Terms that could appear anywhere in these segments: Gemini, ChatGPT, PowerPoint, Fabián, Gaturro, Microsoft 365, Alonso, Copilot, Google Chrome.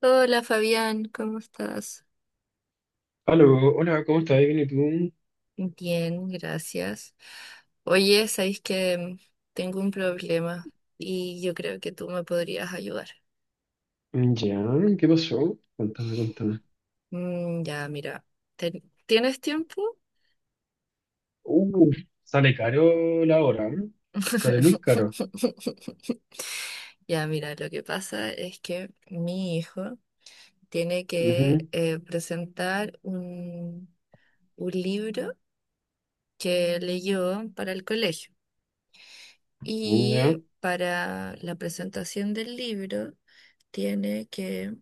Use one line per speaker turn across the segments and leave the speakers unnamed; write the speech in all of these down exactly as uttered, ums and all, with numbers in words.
Hola Fabián, ¿cómo estás?
Aló, hola, ¿cómo estás? Bien, ¿y tú?
Bien, gracias. Oye, sabéis que tengo un problema y yo creo que tú me podrías ayudar.
Mm, ya, ¿qué pasó? Cuéntame, cuéntame.
Mm, ya, mira, ¿ten- ¿tienes tiempo?
Uh, Sale caro la hora, ¿eh? Sale muy caro.
Ya, mira, lo que pasa es que mi hijo tiene que
Ujú,
eh, presentar un, un libro que leyó para el colegio.
ya,
Y para la presentación del libro tiene que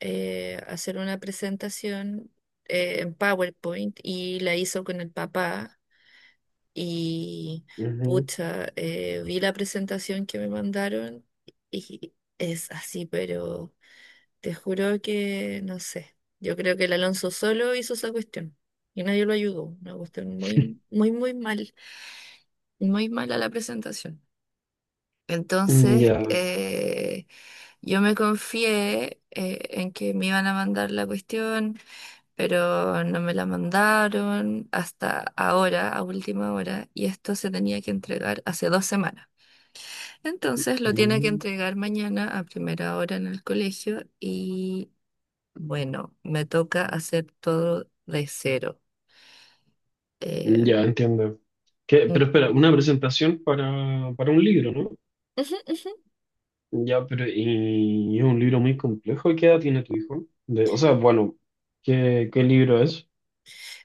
eh, hacer una presentación eh, en PowerPoint y la hizo con el papá y
ujú.
pucha, eh, vi la presentación que me mandaron y es así, pero te juro que no sé. Yo creo que el Alonso solo hizo esa cuestión y nadie lo ayudó. Una cuestión muy, muy, muy mal, muy mala la presentación.
Mm,
Entonces,
ya.
eh, yo me confié eh, en que me iban a mandar la cuestión, pero no me la mandaron hasta ahora, a última hora, y esto se tenía que entregar hace dos semanas. Entonces, lo tiene que
mm,
entregar mañana a primera hora en el colegio y bueno, me toca hacer todo de cero. Eh,
ya, entiendo. ¿Qué? Pero espera, una presentación para, para un libro, ¿no? Ya, pero y es un libro muy complejo. ¿Qué edad tiene tu hijo? De, o sea, bueno, ¿qué, qué libro es?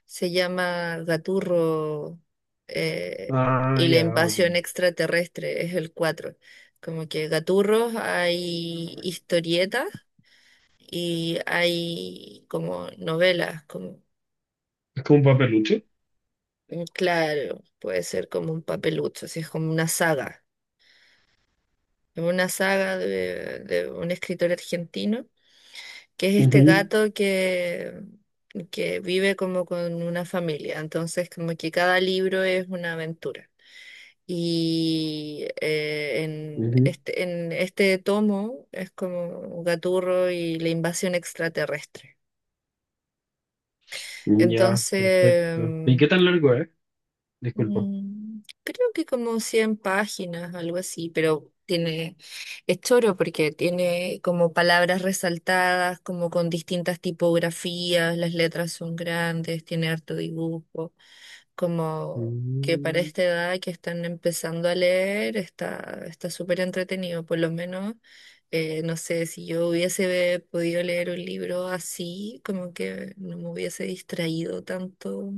se llama Gaturro eh,
Ah,
y la
ya, ok.
invasión extraterrestre es el cuatro. Como que Gaturros hay historietas y hay como novelas, como
¿Es como un papeluche?
mm, claro, puede ser como un papelucho, así es como una saga. Es una saga de, de un escritor argentino que es este
Ujú,
gato que que vive como con una familia, entonces como que cada libro es una aventura. Y eh, en
ujú.
este, en este tomo es como Gaturro y la invasión extraterrestre.
Ya,
Entonces,
perfecto. ¿Y
mm,
qué tan largo es? Disculpa.
mm, creo que como cien páginas, algo así, pero tiene, es choro porque tiene como palabras resaltadas, como con distintas tipografías, las letras son grandes, tiene harto dibujo. Como que para
Mm,
esta edad que están empezando a leer está está súper entretenido, por lo menos, eh, no sé, si yo hubiese podido leer un libro así, como que no me hubiese distraído tanto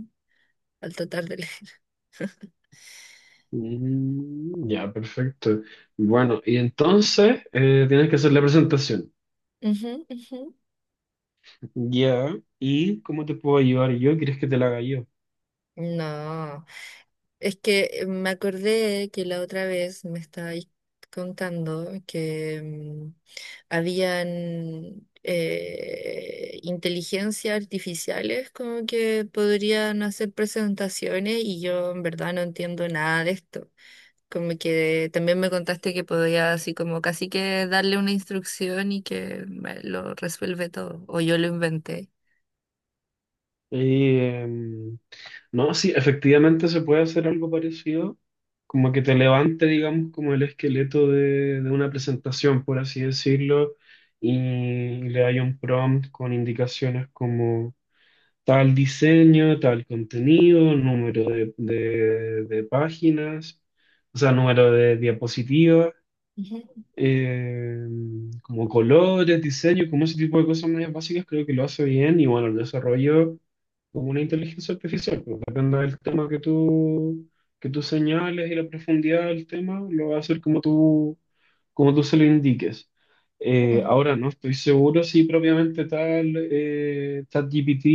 al tratar de leer.
mm, ya, perfecto. Bueno, y entonces eh, tienes que hacer la presentación.
Ujú, ujú.
Ya. ¿Y cómo te puedo ayudar yo? ¿Quieres que te la haga yo?
No, es que me acordé que la otra vez me estabais contando que mm, habían eh, inteligencias artificiales como que podrían hacer presentaciones y yo en verdad no entiendo nada de esto. Como que también me contaste que podía así como casi que darle una instrucción y que me lo resuelve todo, o yo lo inventé.
Eh, mm, no, sí, efectivamente se puede hacer algo parecido, como que te levante, digamos, como el esqueleto de, de una presentación, por así decirlo, y le haya un prompt con indicaciones como tal diseño, tal contenido, número de, de- de páginas, o sea, número de diapositivas,
Ujú,
eh, como colores, diseño, como ese tipo de cosas más básicas, creo que lo hace bien y bueno, el desarrollo como una inteligencia artificial, pues, depende del tema que tú, que tú, señales y la profundidad del tema, lo va a hacer como tú, como tú se lo indiques. Eh,
ujú,
ahora no estoy seguro si propiamente tal eh, ChatGPT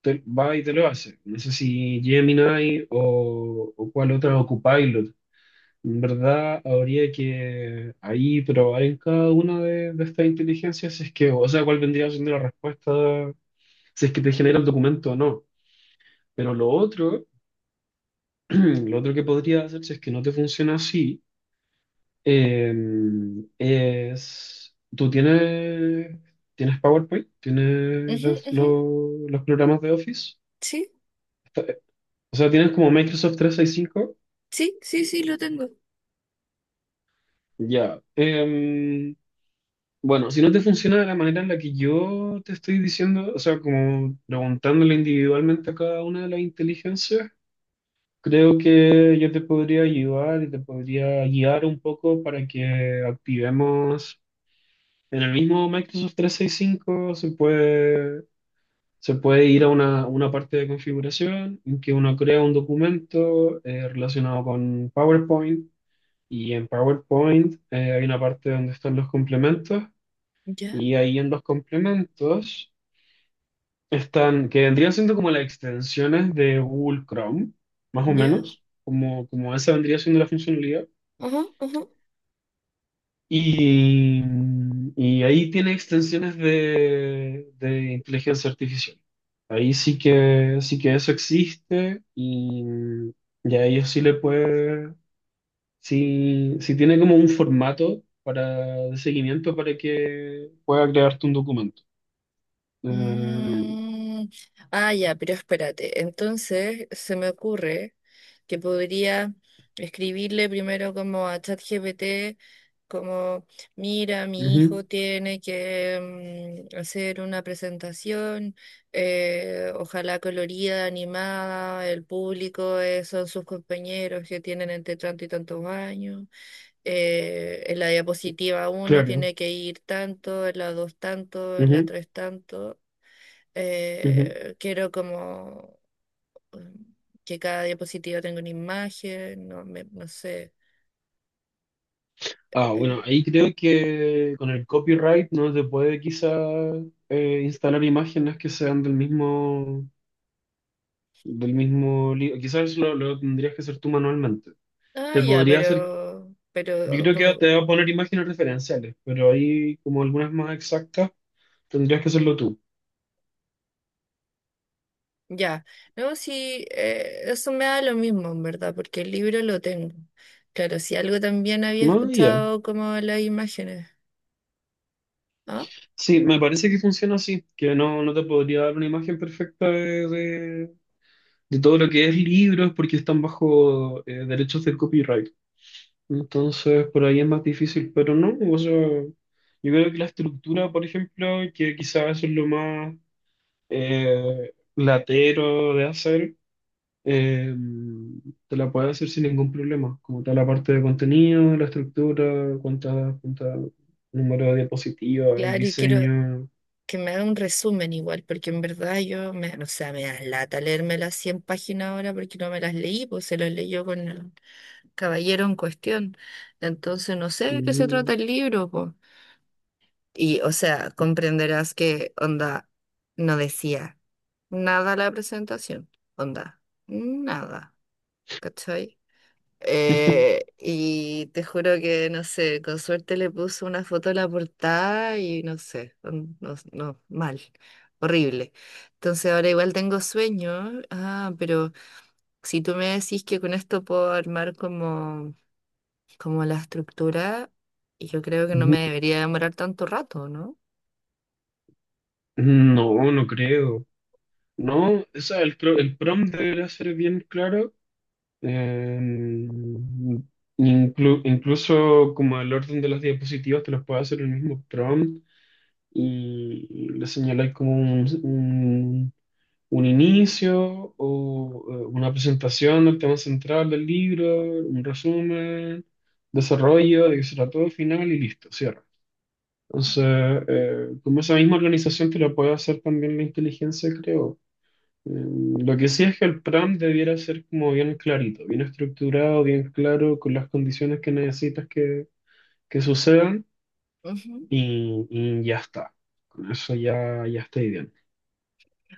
te- va y te lo hace. No sé si Gemini o, o cuál otra o Copilot. En verdad, habría que ahí probar en cada una de, de estas inteligencias, si es que, o sea, cuál vendría siendo la respuesta, si es que te genera el documento o no. Pero lo otro, lo otro que podría hacer, si es que no te funciona así, eh, es, tú tienes, tienes PowerPoint, tienes
ujú,
los,
ujú,
los los programas de Office.
sí.
O sea, tienes como Microsoft trescientos sesenta y cinco.
Sí, sí, sí, lo tengo.
Ya. Em, bueno, si no te funciona de la manera en la que yo te estoy diciendo, o sea, como preguntándole individualmente a cada una de las inteligencias, creo que yo te podría ayudar y te podría guiar un poco para que activemos en el mismo Microsoft trescientos sesenta y cinco se puede, se puede ir a una, una parte de configuración en que uno crea un documento eh, relacionado con PowerPoint. Y en PowerPoint eh, hay una parte donde están los complementos.
Ya,
Y ahí en los complementos están, que vendrían siendo como las extensiones de Google Chrome, más o
ya.
menos, como, como esa vendría siendo la funcionalidad.
Ajá, ajá.
Y, y ahí tiene extensiones de, de inteligencia artificial. Ahí sí que, sí que, eso existe y, y a ellos sí le puede, sí, sí tiene como un formato para, de seguimiento para que pueda crearte un documento. Eh,
Mm, ah, ya, pero espérate. Entonces se me ocurre que podría escribirle primero como a ChatGPT, como, mira, mi
Ujú.
hijo tiene que mm, hacer una presentación, eh, ojalá colorida, animada, el público es- son sus compañeros que tienen entre tanto y tantos años. Eh, en la diapositiva uno
Claro.
tiene que ir tanto, en la dos tanto, en la
Ujú,
tres tanto.
ujú.
Eh, quiero como mm, que cada diapositiva tenga una imagen, no, me- no sé.
Ah,
Eh.
bueno, ahí creo que con el copyright no se puede quizá eh, instalar imágenes que sean del mismo, del mismo libro. Quizás lo, lo tendrías que hacer tú manualmente.
Ah,
Te
ya,
podría hacer,
pero,
yo
pero
creo que
como,
te va a poner imágenes referenciales, pero ahí como algunas más exactas tendrías que hacerlo tú.
ya. No, sí, eh, eso me da lo mismo, en verdad, porque el libro lo tengo. Claro, si algo también había
No, ya.
escuchado como las imágenes. ¿Ah?
Sí, me parece que funciona así, que no, no te podría dar una imagen perfecta de, de- de todo lo que es libros porque están bajo eh, derechos del copyright. Entonces, por ahí es más difícil, pero no, o sea, yo creo que la estructura, por ejemplo, que quizás eso es lo más eh, latero de hacer, eh, te la puedes hacer sin ningún problema, como tal la parte de contenido, la estructura, cuántas, cuántas número de diapositivas, el
Claro, y quiero
diseño.
que me haga un resumen igual, porque en verdad yo, me, o sea, me da lata leerme las cien páginas ahora porque no me las leí, pues se las leyó con el caballero en cuestión. Entonces no sé de qué se
Mm.
trata el libro, pues. Y, o sea, comprenderás que onda no decía nada la presentación, onda, nada, ¿cachai? Eh, y te juro que, no sé, con suerte le puso una foto a la portada y no sé, un- no, no, mal, horrible. Entonces ahora igual tengo sueño, ah, pero si tú me decís que con esto puedo armar como, como la estructura, yo creo que no me
Ujú.
debería demorar tanto rato, ¿no?
No, no creo. No, o sea, el, pro- el prompt debería ser bien claro. Em, inclu- Incluso como el orden de las diapositivas te los puede hacer el mismo prompt y y le señaláis como un, un- un inicio o eh, una presentación del tema central del libro, un resumen, desarrollo, de qué será todo, final y listo, cierra. Entonces, eh, como esa misma organización te lo puede hacer también la inteligencia, creo. Mm, Lo que sí es que el plan debiera ser como bien clarito, bien estructurado, bien claro, con las condiciones que necesitas que, que sucedan y, y ya está. Con eso ya, ya está ideal.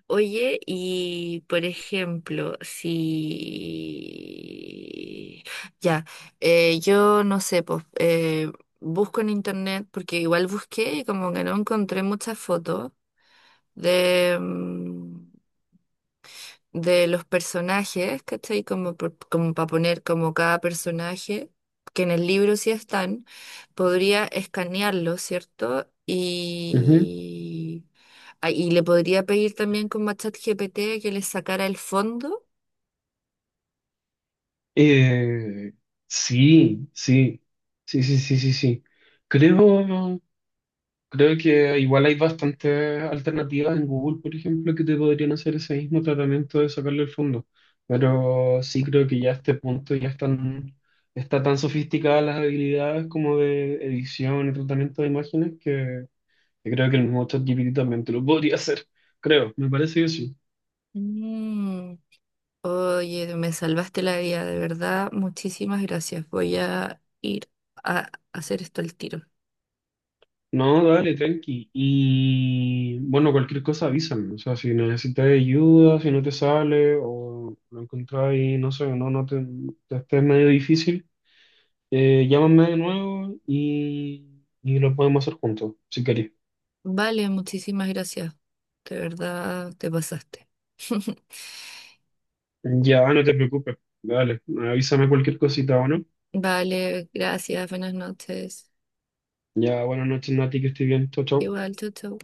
Oye, y por ejemplo, si ya, eh, yo no sé, pues eh, busco en internet, porque igual busqué y como que no encontré muchas fotos de, mm, de los personajes, ¿cachai? Como, por- como para poner como cada personaje, que en el libro sí están, podría escanearlo, ¿cierto?
Ujú.
Y ah, y le podría pedir también como a ChatGPT que le sacara el fondo.
Eh, sí, sí, sí, sí, sí, sí, sí. Creo, Creo, que igual hay bastantes alternativas en Google, por ejemplo, que te podrían hacer ese mismo tratamiento de sacarle el fondo. Pero sí creo que ya a este punto ya están, está tan sofisticadas las habilidades como de edición y tratamiento de imágenes que, que, creo que el mismo ChatGPT también te lo podría hacer. Creo, me parece que sí.
Mm. Oye, me salvaste la vida, de verdad. Muchísimas gracias. Voy a ir a hacer esto al tiro.
No, dale, tranqui. Y bueno, cualquier cosa avísame. O sea, si necesitas ayuda, si no te sale o lo encontrás y no sé, no, no te, te, estés medio difícil. Eh, llámame de nuevo y, y lo podemos hacer juntos, si querés.
Vale, muchísimas gracias. De verdad, te pasaste.
Ya, no te preocupes. Dale, avísame cualquier cosita, ¿o no?
Vale, gracias. Buenas noches.
Ya, buenas noches, Nati, que estés bien. Chau, chau.
Igual, chau, chau.